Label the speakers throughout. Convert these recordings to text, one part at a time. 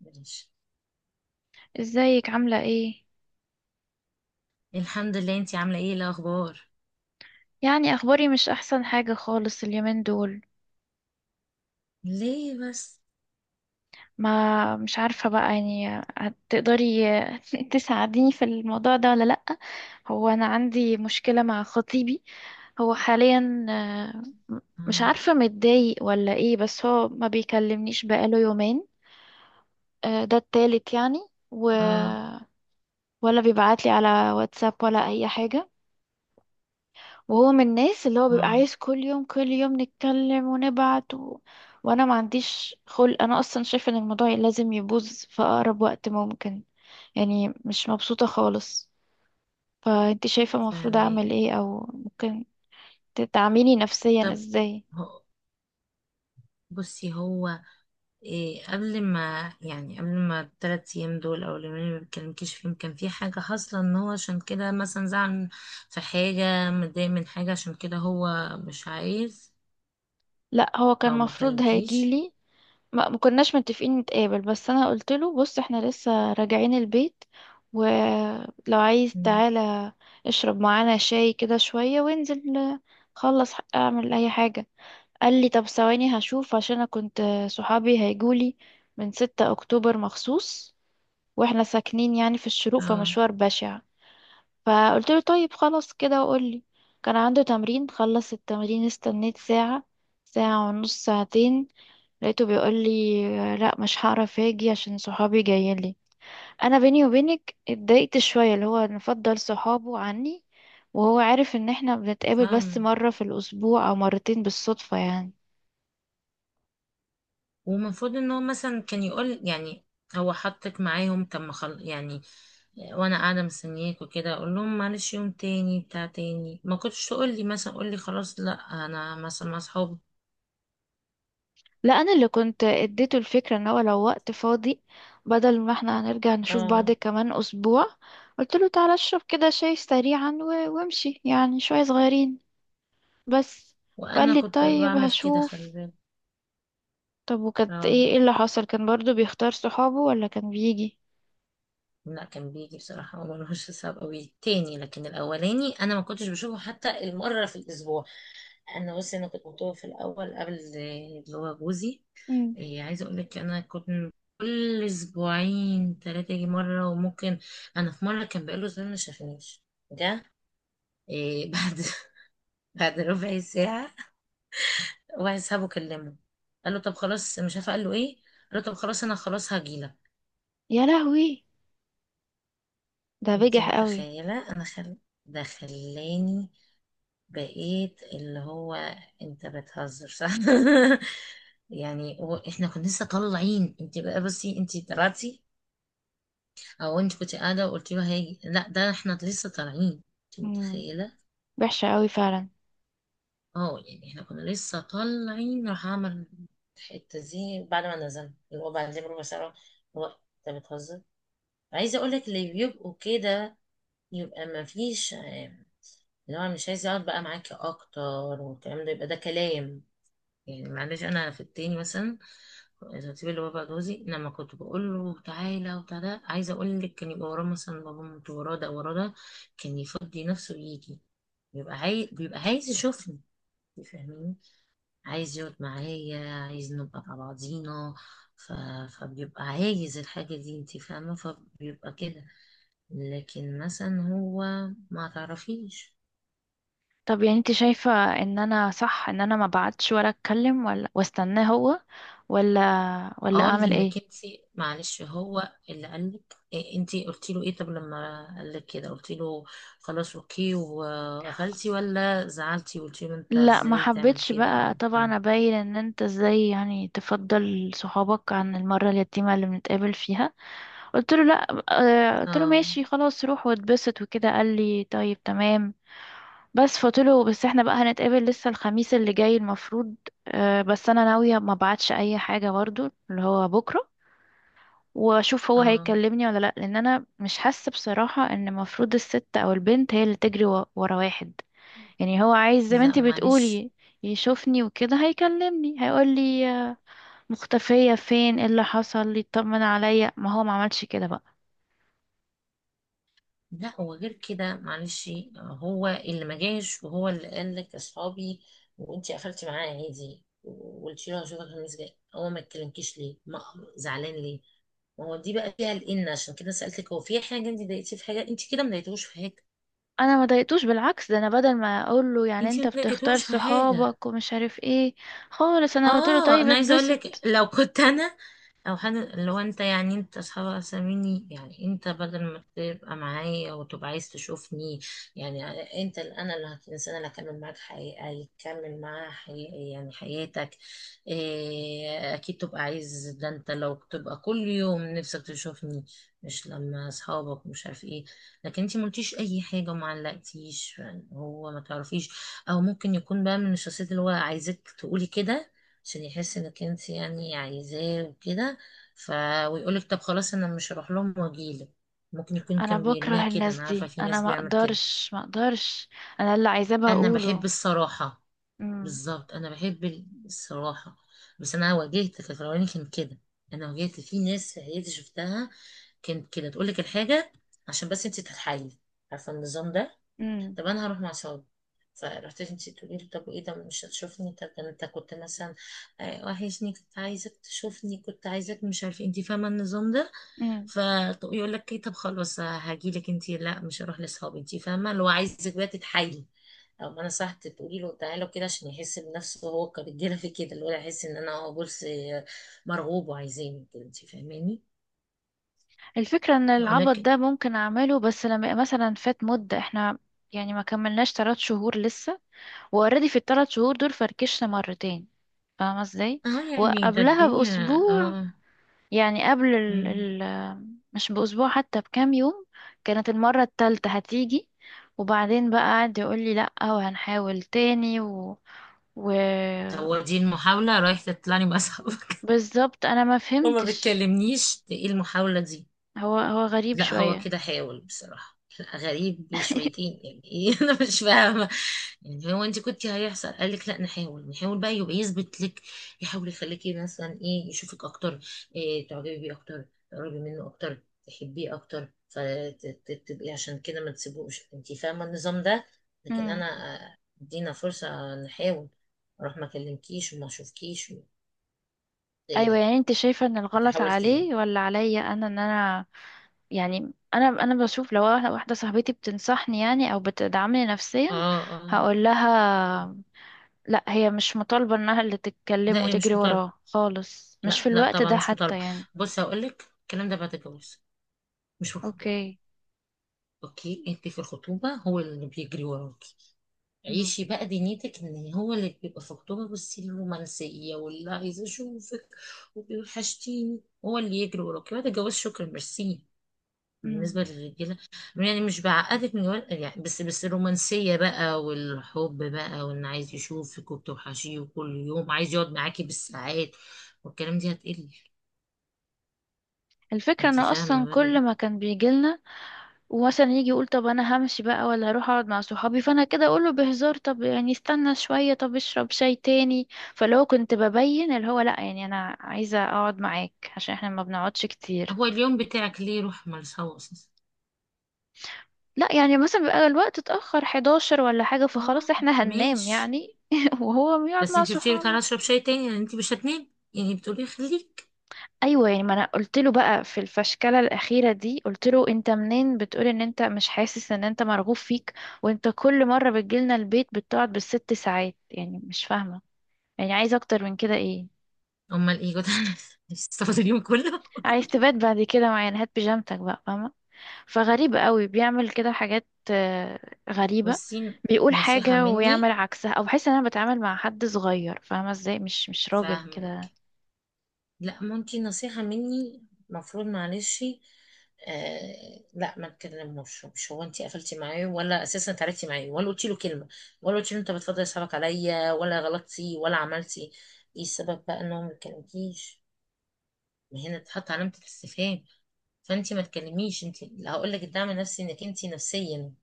Speaker 1: ماشي.
Speaker 2: ازيك عاملة ايه؟
Speaker 1: الحمد لله، انتي عاملة ايه؟ إيه الأخبار؟
Speaker 2: يعني اخباري مش احسن حاجة خالص اليومين دول.
Speaker 1: ليه بس؟
Speaker 2: ما مش عارفة بقى يعني. هتقدري تساعديني في الموضوع ده ولا لأ؟ هو انا عندي مشكلة مع خطيبي. هو حاليا م- مش
Speaker 1: اه.
Speaker 2: عارفة متضايق ولا ايه، بس هو ما بيكلمنيش بقاله يومين. ده التالت يعني و...
Speaker 1: اه.
Speaker 2: ولا بيبعتلي على واتساب ولا اي حاجة. وهو من الناس اللي هو بيبقى
Speaker 1: اه.
Speaker 2: عايز كل يوم كل يوم نتكلم ونبعت. وانا ما عنديش خلق، انا اصلا شايفه ان الموضوع لازم يبوظ في اقرب وقت ممكن. يعني مش مبسوطه خالص. فانت شايفه المفروض
Speaker 1: فاهمة.
Speaker 2: اعمل ايه، او ممكن تدعميني نفسيا
Speaker 1: طب
Speaker 2: ازاي؟
Speaker 1: هو، بصي، هو إيه قبل ما، يعني قبل ما التلات أيام دول أو اليومين اللي ما بتكلمكيش فيهم، كان في حاجة حاصلة إن هو عشان كده مثلا زعل؟ في حاجة متضايق من حاجة عشان كده هو مش عايز
Speaker 2: لا، هو كان
Speaker 1: أو ما
Speaker 2: المفروض
Speaker 1: كلمكيش؟
Speaker 2: هيجيلي. ما كناش متفقين نتقابل، بس انا قلت له بص احنا لسه راجعين البيت، ولو عايز
Speaker 1: مم.
Speaker 2: تعالى اشرب معانا شاي كده شوية، وانزل خلص اعمل اي حاجة. قال لي طب ثواني هشوف، عشان انا كنت صحابي هيجولي من 6 اكتوبر مخصوص، واحنا ساكنين يعني في الشروق
Speaker 1: اه.
Speaker 2: فمشوار بشع. فقلت له طيب خلاص كده وقول لي. كان عنده تمرين، خلص التمرين استنيت ساعة، ساعة ونص، ساعتين. لقيته بيقول لي لا مش هعرف اجي عشان صحابي جايين لي. انا بيني وبينك اتضايقت شويه، اللي هو نفضل صحابه عني، وهو عارف ان احنا بنتقابل بس
Speaker 1: فاهمة.
Speaker 2: مره في الاسبوع او مرتين بالصدفه يعني.
Speaker 1: ومفروض إن هو مثلا كان يقول، يعني هو حطك معاهم، طب ما يعني وانا قاعده مستنياك وكده، اقول لهم معلش يوم تاني، بتاع تاني ما كنتش تقول لي مثلا؟ قول لي خلاص لا، انا مثلا مع اصحابي.
Speaker 2: لا، انا اللي كنت اديته الفكره ان هو لو وقت فاضي، بدل ما احنا هنرجع نشوف بعض
Speaker 1: اه.
Speaker 2: كمان اسبوع، قلت له تعالى اشرب كده شاي سريعا وامشي يعني شويه صغيرين بس. فقال
Speaker 1: وانا
Speaker 2: لي
Speaker 1: كنت
Speaker 2: طيب
Speaker 1: بعمل كده، خلي
Speaker 2: هشوف.
Speaker 1: بالك.
Speaker 2: طب وكانت
Speaker 1: اه،
Speaker 2: ايه، اللي حصل؟ كان برضو بيختار صحابه ولا كان بيجي؟
Speaker 1: لا كان بيجي بصراحه وملوش حساب قوي تاني، لكن الاولاني انا ما كنتش بشوفه حتى المره في الاسبوع. انا بصي، انا كنت مطوع في الاول قبل اللي هو جوزي.
Speaker 2: مم.
Speaker 1: إيه، عايزه اقول لك انا كنت كل اسبوعين ثلاثه يجي مره، وممكن انا في مره كان بقاله زمان ما شافنيش، ده إيه بعد بعد ربع ساعة واحد صاحبه كلمه، قال له طب خلاص مش عارفة قال له ايه، قال له طب خلاص انا خلاص هجيلك.
Speaker 2: يا لهوي، ده
Speaker 1: انت
Speaker 2: بجح قوي.
Speaker 1: متخيلة؟ انا ده خلاني بقيت اللي هو، انت بتهزر صح؟ يعني هو احنا كنا لسه طالعين، انت بقى بصي انت طلعتي، او انت كنت قاعدة وقلت له هاجي؟ لا ده احنا لسه طالعين، انت
Speaker 2: امم
Speaker 1: متخيلة؟
Speaker 2: وحشة قوي فعلا.
Speaker 1: اه يعني احنا كنا لسه طالعين، راح اعمل الحته دي بعد ما نزلنا اللي هو بعدين بربع ساعه. هو، انت بتهزر! عايزه اقول لك اللي بيبقوا كده يبقى ما فيش اللي هو مش عايز يقعد بقى معاكي اكتر، والكلام ده، يبقى ده كلام. يعني معلش، انا في التاني مثلا، الخطيب اللي هو بقى جوزي، لما كنت بقول له تعالى وبتاع ده، عايزه اقول لك كان يبقى وراه مثلا بابا موت، وراه ده، وراه ده، كان يفضي نفسه يجي. بيبقى عايز يشوفني، فاهمين، عايز يقعد معايا، عايز نبقى مع بعضينا، ف... فبيبقى عايز الحاجة دي، انت فاهمة؟ فبيبقى كده. لكن مثلا هو، ما تعرفيش.
Speaker 2: طب يعني انت شايفة ان انا صح، ان انا ما بعتش ولا اتكلم ولا واستناه هو، ولا ولا
Speaker 1: اه
Speaker 2: اعمل
Speaker 1: لانك
Speaker 2: ايه؟
Speaker 1: انت، معلش، هو اللي قالك إيه؟ انت قلتي له ايه؟ طب لما قالك كده قلتي له خلاص اوكي وقفلتي، ولا زعلتي وقلتي له انت
Speaker 2: لا ما
Speaker 1: ازاي تعمل
Speaker 2: حبيتش
Speaker 1: كده،
Speaker 2: بقى
Speaker 1: او؟
Speaker 2: طبعا ابين ان انت ازاي يعني تفضل صحابك عن المرة اليتيمة اللي بنتقابل فيها. قلت له لا. قلت له
Speaker 1: اه.
Speaker 2: ماشي خلاص روح واتبسط وكده، قال لي طيب تمام. بس فقلتله بس احنا بقى هنتقابل لسه الخميس اللي جاي المفروض. بس انا ناوية ما بعتش اي حاجة برضو اللي هو بكرة، واشوف هو
Speaker 1: اه.
Speaker 2: هيكلمني ولا لا، لان انا مش حاسة بصراحة ان المفروض الست او البنت هي اللي تجري ورا واحد. يعني هو عايز زي ما
Speaker 1: لا
Speaker 2: انتي
Speaker 1: ومعلش.
Speaker 2: بتقولي يشوفني وكده، هيكلمني هيقولي: مختفية فين، ايه اللي حصل، يطمن عليا. ما هو ما عملش كده بقى.
Speaker 1: لا وغير كده، معلش، هو اللي ما جاش وهو اللي قال لك اصحابي، وانتي قفلتي معاه عادي وقلتي له هشوفك الخميس جاي، هو ما اتكلمكيش ليه؟ ما زعلان ليه؟ ما هو دي بقى فيها الان، عشان كده سالتك، هو في حاجه انت ضايقتيه في حاجه؟ انت كده ما ضايقتوش في حاجه؟
Speaker 2: انا ما ضايقتوش، بالعكس ده انا بدل ما اقول له يعني
Speaker 1: انت
Speaker 2: انت
Speaker 1: ما
Speaker 2: بتختار
Speaker 1: ضايقتوش في حاجه.
Speaker 2: صحابك ومش عارف ايه خالص، انا قلت له
Speaker 1: اه،
Speaker 2: طيب
Speaker 1: انا عايزه اقول لك،
Speaker 2: اتبسط.
Speaker 1: لو كنت انا او حد، لو انت يعني انت اصحابك اساميني، يعني انت بدل ما تبقى معايا وتبقى عايز تشوفني، يعني انت اللي الانسان اللي هكمل معاك حقيقة، يكمل معاه حقيقي يعني حياتك، إيه اكيد تبقى عايز ده، انت لو تبقى كل يوم نفسك تشوفني، مش لما اصحابك مش عارف ايه. لكن انت ملتيش اي حاجة وما علقتيش، يعني هو ما تعرفيش، او ممكن يكون بقى من الشخصيات اللي هو عايزك تقولي كده عشان يحس انك انت يعني عايزاه وكده، ف ويقول لك طب خلاص انا مش هروح لهم واجيلك. ممكن يكون
Speaker 2: انا
Speaker 1: كان بيرميها
Speaker 2: بكره
Speaker 1: كده،
Speaker 2: الناس
Speaker 1: انا عارفه
Speaker 2: دي،
Speaker 1: في
Speaker 2: انا
Speaker 1: ناس
Speaker 2: ما
Speaker 1: بيعمل كده.
Speaker 2: اقدرش ما اقدرش. انا اللي عايزاه
Speaker 1: انا بحب
Speaker 2: بقوله.
Speaker 1: الصراحه.
Speaker 2: امم
Speaker 1: بالظبط، انا بحب الصراحه. بس انا واجهت في الاولاني كان كده، انا واجهت في ناس في عيلتي شفتها كانت كده، تقول لك الحاجه عشان بس انت تتحايلي. عارفه النظام ده؟
Speaker 2: امم
Speaker 1: طب انا هروح مع صحابي، فرحت انت تقولي لي طب وايه ده؟ مش هتشوفني؟ طب ده انت كنت مثلا وحشني، كنت عايزك تشوفني، كنت عايزك، مش عارف، انت فاهمه النظام ده؟
Speaker 2: امم
Speaker 1: فيقول لك ايه؟ طب خلاص هاجي لك انت، لا مش هروح لاصحابي. انت فاهمه؟ اللي هو عايزك بقى تتحايلي. او ما انا صح، تقولي له تعالى كده عشان يحس بنفسه هو كرجاله في كده، اللي هو يحس ان انا، هو بولس مرغوب وعايزيني كده. انت فاهماني؟
Speaker 2: الفكره ان
Speaker 1: يقول
Speaker 2: العبط
Speaker 1: لك،
Speaker 2: ده ممكن اعمله، بس لما يبقى مثلا فات مده. احنا يعني ما كملناش 3 شهور لسه، واوريدي في الثلاث شهور دول فركشنا مرتين، فاهمه ازاي؟
Speaker 1: اه يعني ده
Speaker 2: وقبلها
Speaker 1: الدنيا.
Speaker 2: باسبوع،
Speaker 1: اه.
Speaker 2: يعني قبل
Speaker 1: مم.
Speaker 2: مش بأسبوع حتى، بكام يوم، كانت المرة التالتة هتيجي. وبعدين بقى قعد يقول لي لأ وهنحاول تاني و...
Speaker 1: هو دي المحاولة، رايح تطلعني مع صحابك
Speaker 2: بالظبط أنا ما
Speaker 1: وما
Speaker 2: فهمتش.
Speaker 1: بتكلمنيش، ايه المحاولة دي؟
Speaker 2: هو غريب
Speaker 1: لا هو
Speaker 2: شوية.
Speaker 1: كده حاول بصراحة، لا غريب شويتين، يعني ايه انا مش فاهمة. يعني هو انت كنت هيحصل قال لك لا نحاول، نحاول بقى يبقى يثبت لك، يحاول يخليكي مثلا ايه، يشوفك اكتر، إيه تعجبي بيه اكتر، تقربي منه اكتر، تحبيه اكتر، فتبقي عشان كده ما تسيبوش، انت فاهمة النظام ده؟ لكن
Speaker 2: مم.
Speaker 1: انا ادينا فرصة نحاول، اروح ما اكلمكيش وما اشوفكيش، ده ايه
Speaker 2: أيوة
Speaker 1: ده؟ طب
Speaker 2: يعني أنت شايفة إن
Speaker 1: انت
Speaker 2: الغلط
Speaker 1: حاولت ايه؟
Speaker 2: عليه ولا عليا أنا؟ إن أنا يعني، أنا بشوف لو واحدة صاحبتي بتنصحني يعني أو بتدعمني نفسيا،
Speaker 1: اه. اه.
Speaker 2: هقول لها لا، هي مش مطالبة انها اللي
Speaker 1: لا
Speaker 2: تتكلم
Speaker 1: ايه مش
Speaker 2: وتجري
Speaker 1: مطالبة،
Speaker 2: وراه خالص، مش
Speaker 1: لا
Speaker 2: في
Speaker 1: لا
Speaker 2: الوقت
Speaker 1: طبعا
Speaker 2: ده
Speaker 1: مش مطالبة.
Speaker 2: حتى يعني.
Speaker 1: بص هقول لك، الكلام ده بعد الجواز، مش في الخطوبة.
Speaker 2: اوكي.
Speaker 1: اوكي، انت في الخطوبة هو اللي بيجري وراكي.
Speaker 2: مم.
Speaker 1: عيشي بقى دنيتك ان هو اللي بيبقى في الخطوبة، بصي، الرومانسية واللي عايز اشوفك وبيوحشتيني. هو اللي يجري وراكي بعد الجواز؟ شكرا، ميرسي.
Speaker 2: مم.
Speaker 1: بالنسبة للرجالة يعني، مش بعقدك من جوال يعني، بس بس الرومانسية بقى والحب بقى، وإن عايز يشوفك وبتوحشيه وكل يوم عايز يقعد معاكي بالساعات، والكلام دي هتقل.
Speaker 2: الفكرة ان
Speaker 1: انتي فاهمة
Speaker 2: اصلا
Speaker 1: بقى
Speaker 2: كل
Speaker 1: كده؟
Speaker 2: ما كان بيجيلنا ومثلا يجي يقول طب انا همشي بقى ولا هروح اقعد مع صحابي، فانا كده اقوله بهزار طب يعني استنى شوية، طب اشرب شاي تاني. فلو كنت ببين اللي هو لا يعني انا عايزة اقعد معاك عشان احنا ما بنقعدش كتير.
Speaker 1: هو اليوم بتاعك ليه؟ روح، مالهاش هوا أساسا.
Speaker 2: لا يعني مثلا بيبقى الوقت اتأخر 11 ولا حاجة، فخلاص
Speaker 1: اه
Speaker 2: احنا هننام
Speaker 1: ماشي،
Speaker 2: يعني، وهو بيقعد
Speaker 1: بس
Speaker 2: مع
Speaker 1: انتي قلتيلي تعالى
Speaker 2: صحابه.
Speaker 1: اشرب شاي تاني، يعني انتي مش هتنامي يعني، بتقولي خليك.
Speaker 2: ايوه، يعني ما انا قلت له بقى في الفشكله الاخيره دي، قلت له انت منين بتقول ان انت مش حاسس ان انت مرغوب فيك، وانت كل مره بتجيلنا البيت بتقعد بالست ساعات، يعني مش فاهمه، يعني عايز اكتر من كده ايه؟
Speaker 1: امال ايه كنت! هتستفاد اليوم كله.
Speaker 2: عايز تبات بعد كده معانا، هات بيجامتك بقى فاهمه. فغريب قوي، بيعمل كده حاجات غريبه.
Speaker 1: بصي،
Speaker 2: بيقول
Speaker 1: نصيحة
Speaker 2: حاجه
Speaker 1: مني،
Speaker 2: ويعمل عكسها، او بحس ان انا بتعامل مع حد صغير، فاهمه ازاي؟ مش راجل
Speaker 1: فاهمك،
Speaker 2: كده.
Speaker 1: لا ما انتي، نصيحة مني، مفروض معلش، آه لا ما تكلموش. مش هو انتي قفلتي معاه، ولا اساسا اتعرفتي معاه، ولا قلتي له كلمة، ولا قلتي له انت بتفضل اصحابك عليا، ولا غلطتي، ولا عملتي. ايه السبب بقى ان هو ما يكلمكيش؟ ما هنا تحط علامة الاستفهام. فانتي ما تكلميش. انتي هقول لك الدعم النفسي، انك انتي نفسيا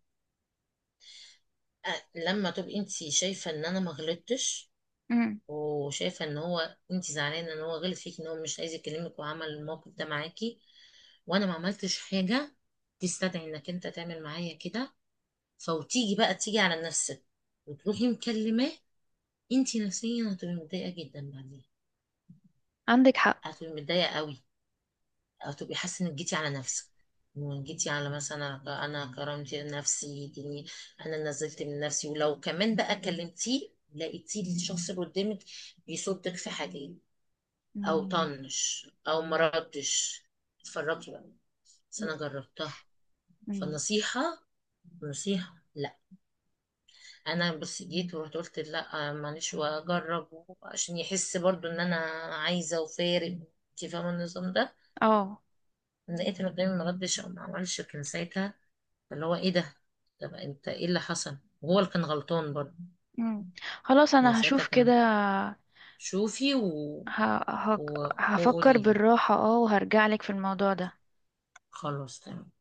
Speaker 1: لما تبقي انتي شايفة ان انا ما غلطتش،
Speaker 2: مم.
Speaker 1: وشايفه ان هو، انت زعلانه ان هو غلط فيك، ان هو مش عايز يكلمك وعمل الموقف ده معاكي، وانا ما عملتش حاجه تستدعي انك انت تعمل معايا كده، فوتيجي بقى تيجي على نفسك وتروحي مكلماه، انت نفسيا هتبقي متضايقه جدا بعدين.
Speaker 2: عندك حق.
Speaker 1: هتبقي متضايقه قوي، هتبقي حاسه انك جيتي على نفسك وجيتي على مثلا، انا كرمت نفسي دي، انا نزلت من نفسي، ولو كمان بقى كلمتيه لقيتيه الشخص اللي قدامك بيصدك في حاجه او
Speaker 2: مم.
Speaker 1: طنش او مردش، اتفرجي بقى. بس انا جربتها،
Speaker 2: مم.
Speaker 1: فالنصيحة، نصيحة لا. انا بس جيت ورحت قلت لا معلش واجرب عشان يحس برضو ان انا عايزة وفارق، انت فاهمة النظام ده؟
Speaker 2: اه.
Speaker 1: لقيت ان قدامي ما ردش او ما عملش، كان ساعتها اللي هو ايه ده؟ طب انت ايه اللي حصل؟ وهو اللي كان غلطان برضو.
Speaker 2: مم. خلاص
Speaker 1: يعني
Speaker 2: انا
Speaker 1: ساعتها
Speaker 2: هشوف كده.
Speaker 1: كان، شوفي
Speaker 2: ه... ه...
Speaker 1: و...
Speaker 2: هفكر
Speaker 1: وقولي لي
Speaker 2: بالراحة، وهرجع لك في الموضوع ده.
Speaker 1: خلاص تمام.